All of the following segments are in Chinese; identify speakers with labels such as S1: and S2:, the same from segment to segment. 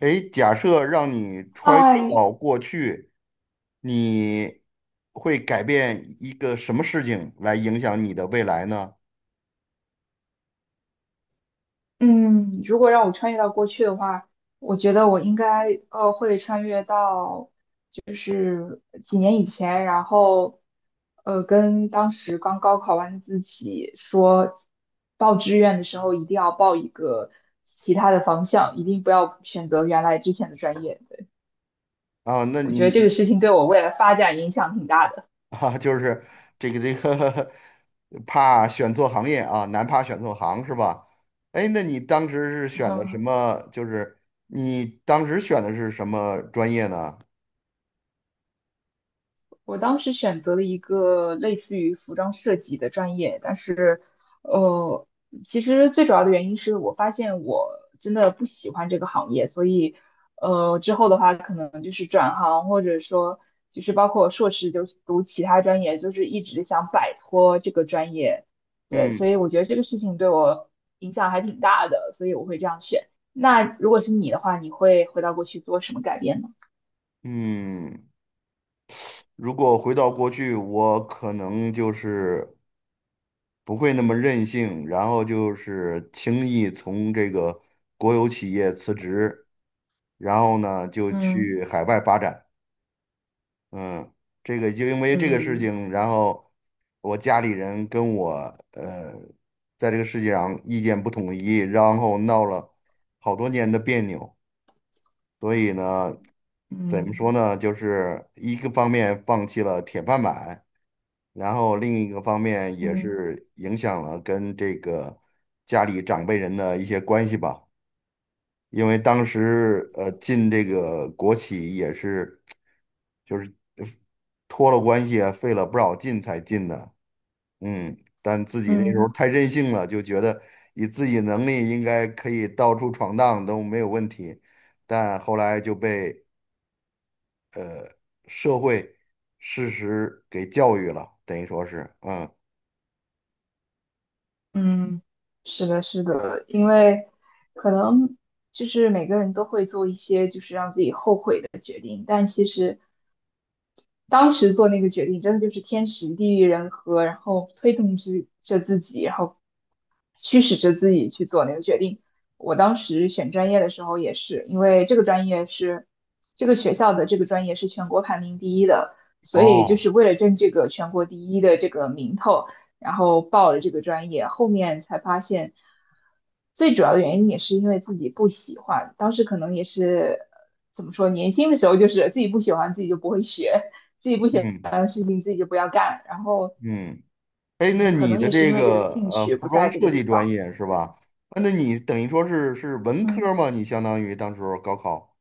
S1: 诶，假设让你穿越
S2: 嗨，
S1: 到过去，你会改变一个什么事情来影响你的未来呢？
S2: 嗯，如果让我穿越到过去的话，我觉得我应该会穿越到就是几年以前，然后跟当时刚高考完的自己说，报志愿的时候一定要报一个其他的方向，一定不要选择原来之前的专业。对，
S1: 啊，那
S2: 我觉得这个
S1: 你
S2: 事情对我未来发展影响挺大的。
S1: 啊，就是这个 怕选错行业啊，难怕选错行是吧？诶，那你当时是选的什 么？就是你当时选的是什么专业呢？
S2: 我当时选择了一个类似于服装设计的专业，但是，呃，其实最主要的原因是我发现我真的不喜欢这个行业，所以，之后的话可能就是转行，或者说就是包括硕士就是读其他专业，就是一直想摆脱这个专业，对，所
S1: 嗯
S2: 以我觉得这个事情对我影响还挺大的，所以我会这样选。那如果是你的话，你会回到过去做什么改变呢？
S1: 嗯，如果回到过去，我可能就是。不会那么任性，然后就是轻易从这个国有企业辞职，然后呢就
S2: 嗯
S1: 去海外发展。嗯，这个就因为这个事
S2: 嗯
S1: 情，然后我家里人跟我呃在这个世界上意见不统一，然后闹了好多年的别扭，所以呢，怎么说
S2: 嗯
S1: 呢，就是一个方面放弃了铁饭碗。然后另一个方面也
S2: 嗯。
S1: 是影响了跟这个家里长辈人的一些关系吧。因为当时进这个国企也是，就是呃托了关系啊，费了不少劲才进的。嗯，但自己那时候
S2: 嗯
S1: 太任性了，就觉得以自己能力应该可以到处闯荡都没有问题。但后来就被社会事实给教育了，等于说是，嗯，
S2: 嗯，是的，是的，因为可能就是每个人都会做一些就是让自己后悔的决定，但其实当时做那个决定真的就是天时地利人和，然后推动之着自己，然后驱使着自己去做那个决定。我当时选专业的时候也是，因为这个专业是这个学校的这个专业是全国排名第一的，所以就
S1: 哦，
S2: 是为了争这个全国第一的这个名头。然后报了这个专业，后面才发现，最主要的原因也是因为自己不喜欢。当时可能也是怎么说，年轻的时候就是自己不喜欢，自己就不会学，自己不喜欢
S1: 嗯
S2: 的事情自己就不要干。然后，
S1: 嗯。哎，那
S2: 嗯，可
S1: 你
S2: 能
S1: 的
S2: 也是
S1: 这
S2: 因为这个
S1: 个
S2: 兴趣
S1: 服
S2: 不在
S1: 装
S2: 这
S1: 设
S2: 个
S1: 计
S2: 地
S1: 专
S2: 方。
S1: 业是
S2: 对
S1: 吧？啊，那你等于说是是文
S2: 嗯。
S1: 科吗？你相当于当时候高考，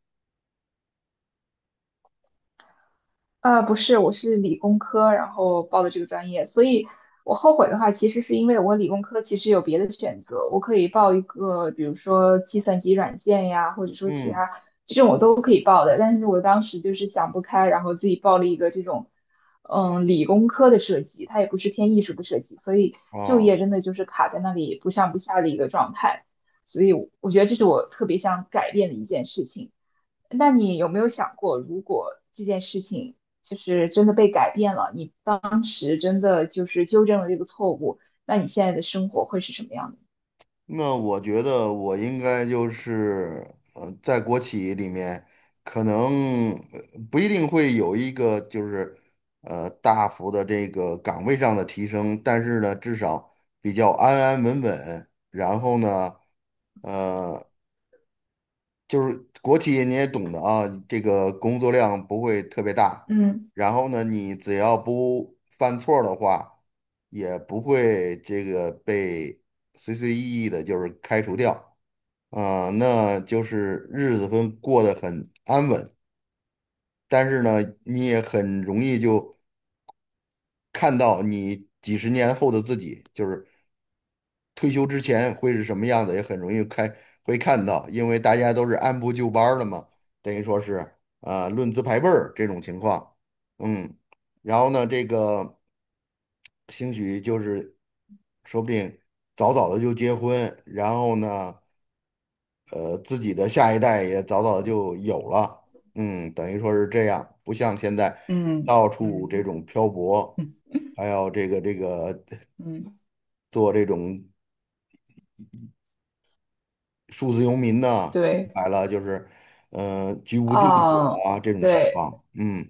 S2: 不是，我是理工科，然后报的这个专业，所以我后悔的话，其实是因为我理工科其实有别的选择，我可以报一个，比如说计算机软件呀，或者说其
S1: 嗯，
S2: 他这种我都可以报的，但是我当时就是想不开，然后自己报了一个这种，嗯，理工科的设计，它也不是偏艺术的设计，所以就
S1: 啊，
S2: 业真的就是卡在那里不上不下的一个状态，所以我觉得这是我特别想改变的一件事情。那你有没有想过，如果这件事情就是真的被改变了，你当时真的就是纠正了这个错误，那你现在的生活会是什么样的？
S1: 那我觉得我应该就是在国企里面，可能不一定会有一个就是大幅的这个岗位上的提升，但是呢，至少比较安安稳稳，然后呢。呃。就是国企你也懂的啊，这个工作量不会特别大，
S2: 嗯
S1: 然后呢，你只要不犯错儿的话，也不会这个被随随意意的就是开除掉啊，那就是日子会过得很安稳，但是呢，你也很容易就看到你几十年后的自己，就是退休之前会是什么样子，也很容易开会看到，因为大家都是按部就班儿的嘛，等于说是啊、论资排辈儿这种情况，嗯，然后呢，这个兴许就是说不定早早的就结婚，然后呢，自己的下一代也早早就有了，嗯，等于说是这样，不像现在
S2: 嗯
S1: 到处这
S2: 嗯
S1: 种漂泊，
S2: 嗯
S1: 还有这个
S2: 嗯，
S1: 做这种。数字游民呢，
S2: 对
S1: 来了就是，居无定所
S2: 啊，
S1: 啊这种情
S2: 对
S1: 况。嗯，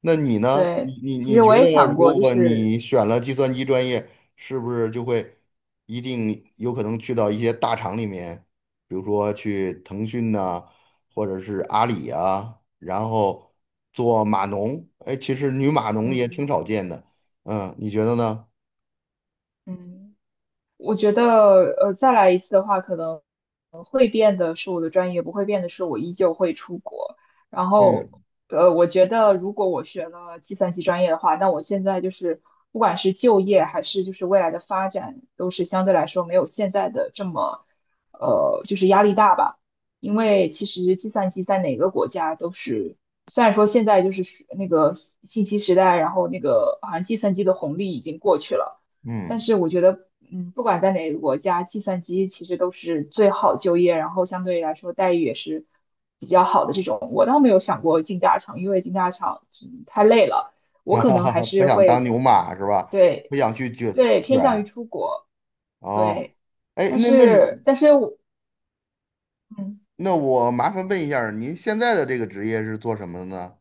S1: 那你呢？你
S2: 对，
S1: 你
S2: 其
S1: 你
S2: 实我
S1: 觉
S2: 也
S1: 得，
S2: 想过，
S1: 如
S2: 就
S1: 果
S2: 是
S1: 你选了计算机专业，是不是就会一定有可能去到一些大厂里面，比如说去腾讯呐、或者是阿里啊，然后做码农？哎，其实女码农也挺
S2: 嗯
S1: 少见的。嗯，你觉得呢？
S2: 嗯，我觉得，再来一次的话，可能会变的是我的专业，不会变的是我依旧会出国。然后，
S1: 嗯
S2: 我觉得如果我学了计算机专业的话，那我现在就是不管是就业还是就是未来的发展，都是相对来说没有现在的这么，就是压力大吧。因为其实计算机在哪个国家都是，虽然说现在就是那个信息时代，然后那个好像计算机的红利已经过去了。但
S1: 嗯，
S2: 是我觉得，嗯，不管在哪个国家，计算机其实都是最好就业，然后相对来说待遇也是比较好的这种。我倒没有想过进大厂，因为进大厂，嗯太累了，我
S1: 哈
S2: 可能
S1: 哈
S2: 还
S1: 哈，不
S2: 是
S1: 想当
S2: 会
S1: 牛马是吧？
S2: 对
S1: 不想去卷
S2: 对偏向于
S1: 卷。
S2: 出国，
S1: 哦，
S2: 对。
S1: 哎，
S2: 但
S1: 那你
S2: 是，但是我，嗯，
S1: 那我麻烦问一下儿您现在的这个职业是做什么的呢？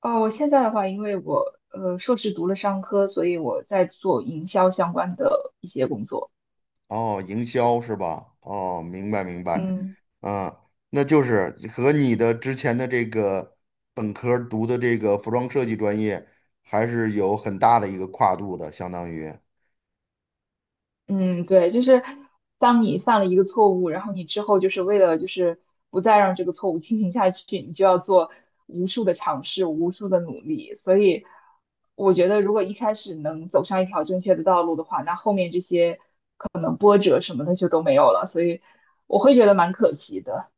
S2: 哦，我现在的话，因为我硕士读了商科，所以我在做营销相关的一些工作，
S1: 哦，营销是吧？哦，明白明白，
S2: 嗯。
S1: 嗯，那就是和你的之前的这个本科儿读的这个服装设计专业还是有很大的一个跨度的，相当于，
S2: 嗯，对，就是当你犯了一个错误，然后你之后就是为了就是不再让这个错误进行下去，你就要做无数的尝试，无数的努力。所以我觉得，如果一开始能走上一条正确的道路的话，那后面这些可能波折什么的就都没有了。所以我会觉得蛮可惜的。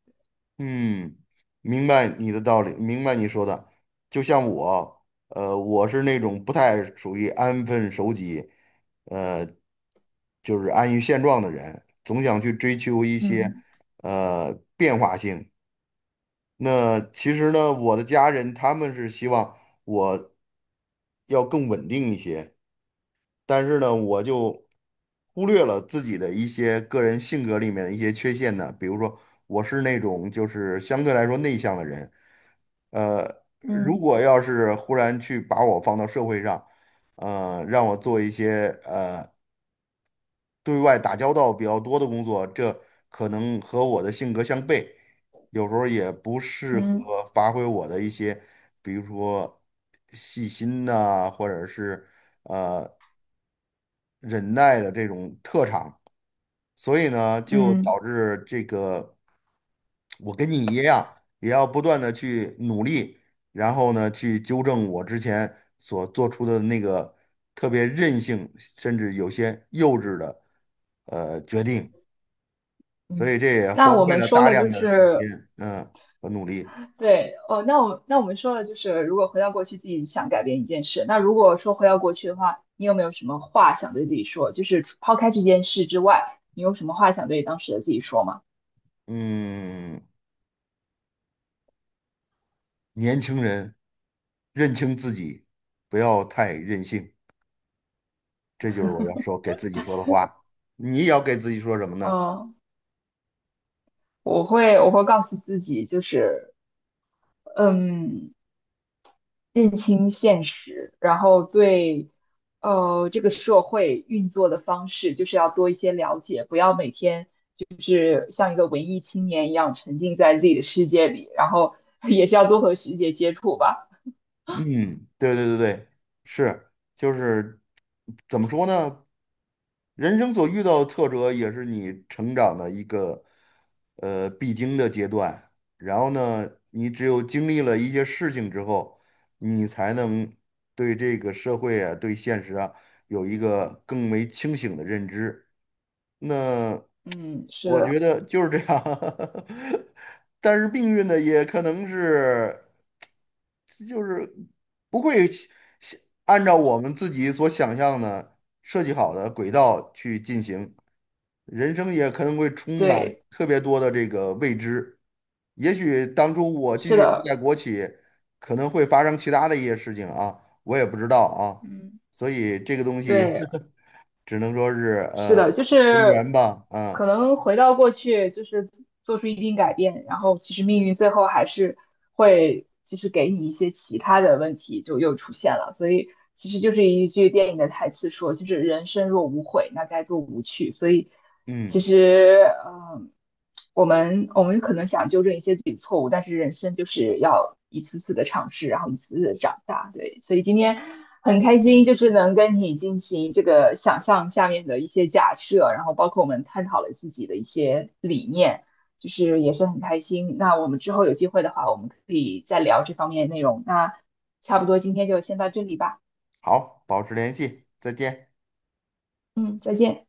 S1: 嗯，明白你的道理，明白你说的，就像我，我是那种不太属于安分守己。呃，就是安于现状的人，总想去追求一些
S2: 嗯
S1: 变化性。那其实呢，我的家人他们是希望我要更稳定一些，但是呢，我就忽略了自己的一些个人性格里面的一些缺陷呢，比如说我是那种就是相对来说内向的人，呃，如
S2: 嗯
S1: 果要是忽然去把我放到社会上，让我做一些对外打交道比较多的工作，这可能和我的性格相悖，有时候也不适
S2: 嗯
S1: 合发挥我的一些，比如说细心呐、或者是呃忍耐的这种特长，所以呢，就
S2: 嗯
S1: 导致这个我跟你一样，也要不断的去努力，然后呢，去纠正我之前所做出的那个特别任性，甚至有些幼稚的决定。所
S2: 嗯，
S1: 以这也
S2: 那
S1: 荒
S2: 我
S1: 废
S2: 们
S1: 了
S2: 说
S1: 大
S2: 了就
S1: 量的时
S2: 是
S1: 间，嗯，和努力。
S2: 对，哦，那我们说了，就是如果回到过去，自己想改变一件事，那如果说回到过去的话，你有没有什么话想对自己说？就是除抛开这件事之外，你有什么话想对当时的自己说吗？
S1: 嗯，年轻人认清自己，不要太任性，这就是我要说给自己说的话。你也要给自己说什么呢？
S2: 嗯，我会告诉自己，就是嗯，认清现实，然后对这个社会运作的方式，就是要多一些了解，不要每天像一个文艺青年一样沉浸在自己的世界里，然后 也是要多和世界接触吧。
S1: 嗯，对对对对，是，就是怎么说呢？人生所遇到的挫折也是你成长的一个必经的阶段。然后呢，你只有经历了一些事情之后，你才能对这个社会啊、对现实啊有一个更为清醒的认知。那
S2: 嗯，是
S1: 我觉
S2: 的，
S1: 得就是这样，但是命运呢，也可能是就是不会想按照我们自己所想象的设计好的轨道去进行，人生也可能会充满
S2: 对，
S1: 特别多的这个未知。也许当初我继
S2: 是
S1: 续留在
S2: 的，
S1: 国企，可能会发生其他的一些事情啊，我也不知道啊，
S2: 嗯
S1: 所以这个东西
S2: 对，
S1: 只能说是
S2: 是的，就
S1: 随
S2: 是
S1: 缘吧，
S2: 可
S1: 啊，
S2: 能回到过去，就是做出一定改变，然后其实命运最后还是会就是给你一些其他的问题就又出现了，所以其实就是一句电影的台词说，就是人生若无悔，那该多无趣。所以其
S1: 嗯。
S2: 实，嗯。我们可能想纠正一些自己的错误，但是人生就是要一次次的尝试，然后一次次的长大。对，所以今天很开心，就是能跟你进行这个想象下面的一些假设，然后包括我们探讨了自己的一些理念，就是也是很开心。那我们之后有机会的话，我们可以再聊这方面的内容。那差不多今天就先到这里吧，
S1: 好，保持联系，再见。
S2: 嗯，再见。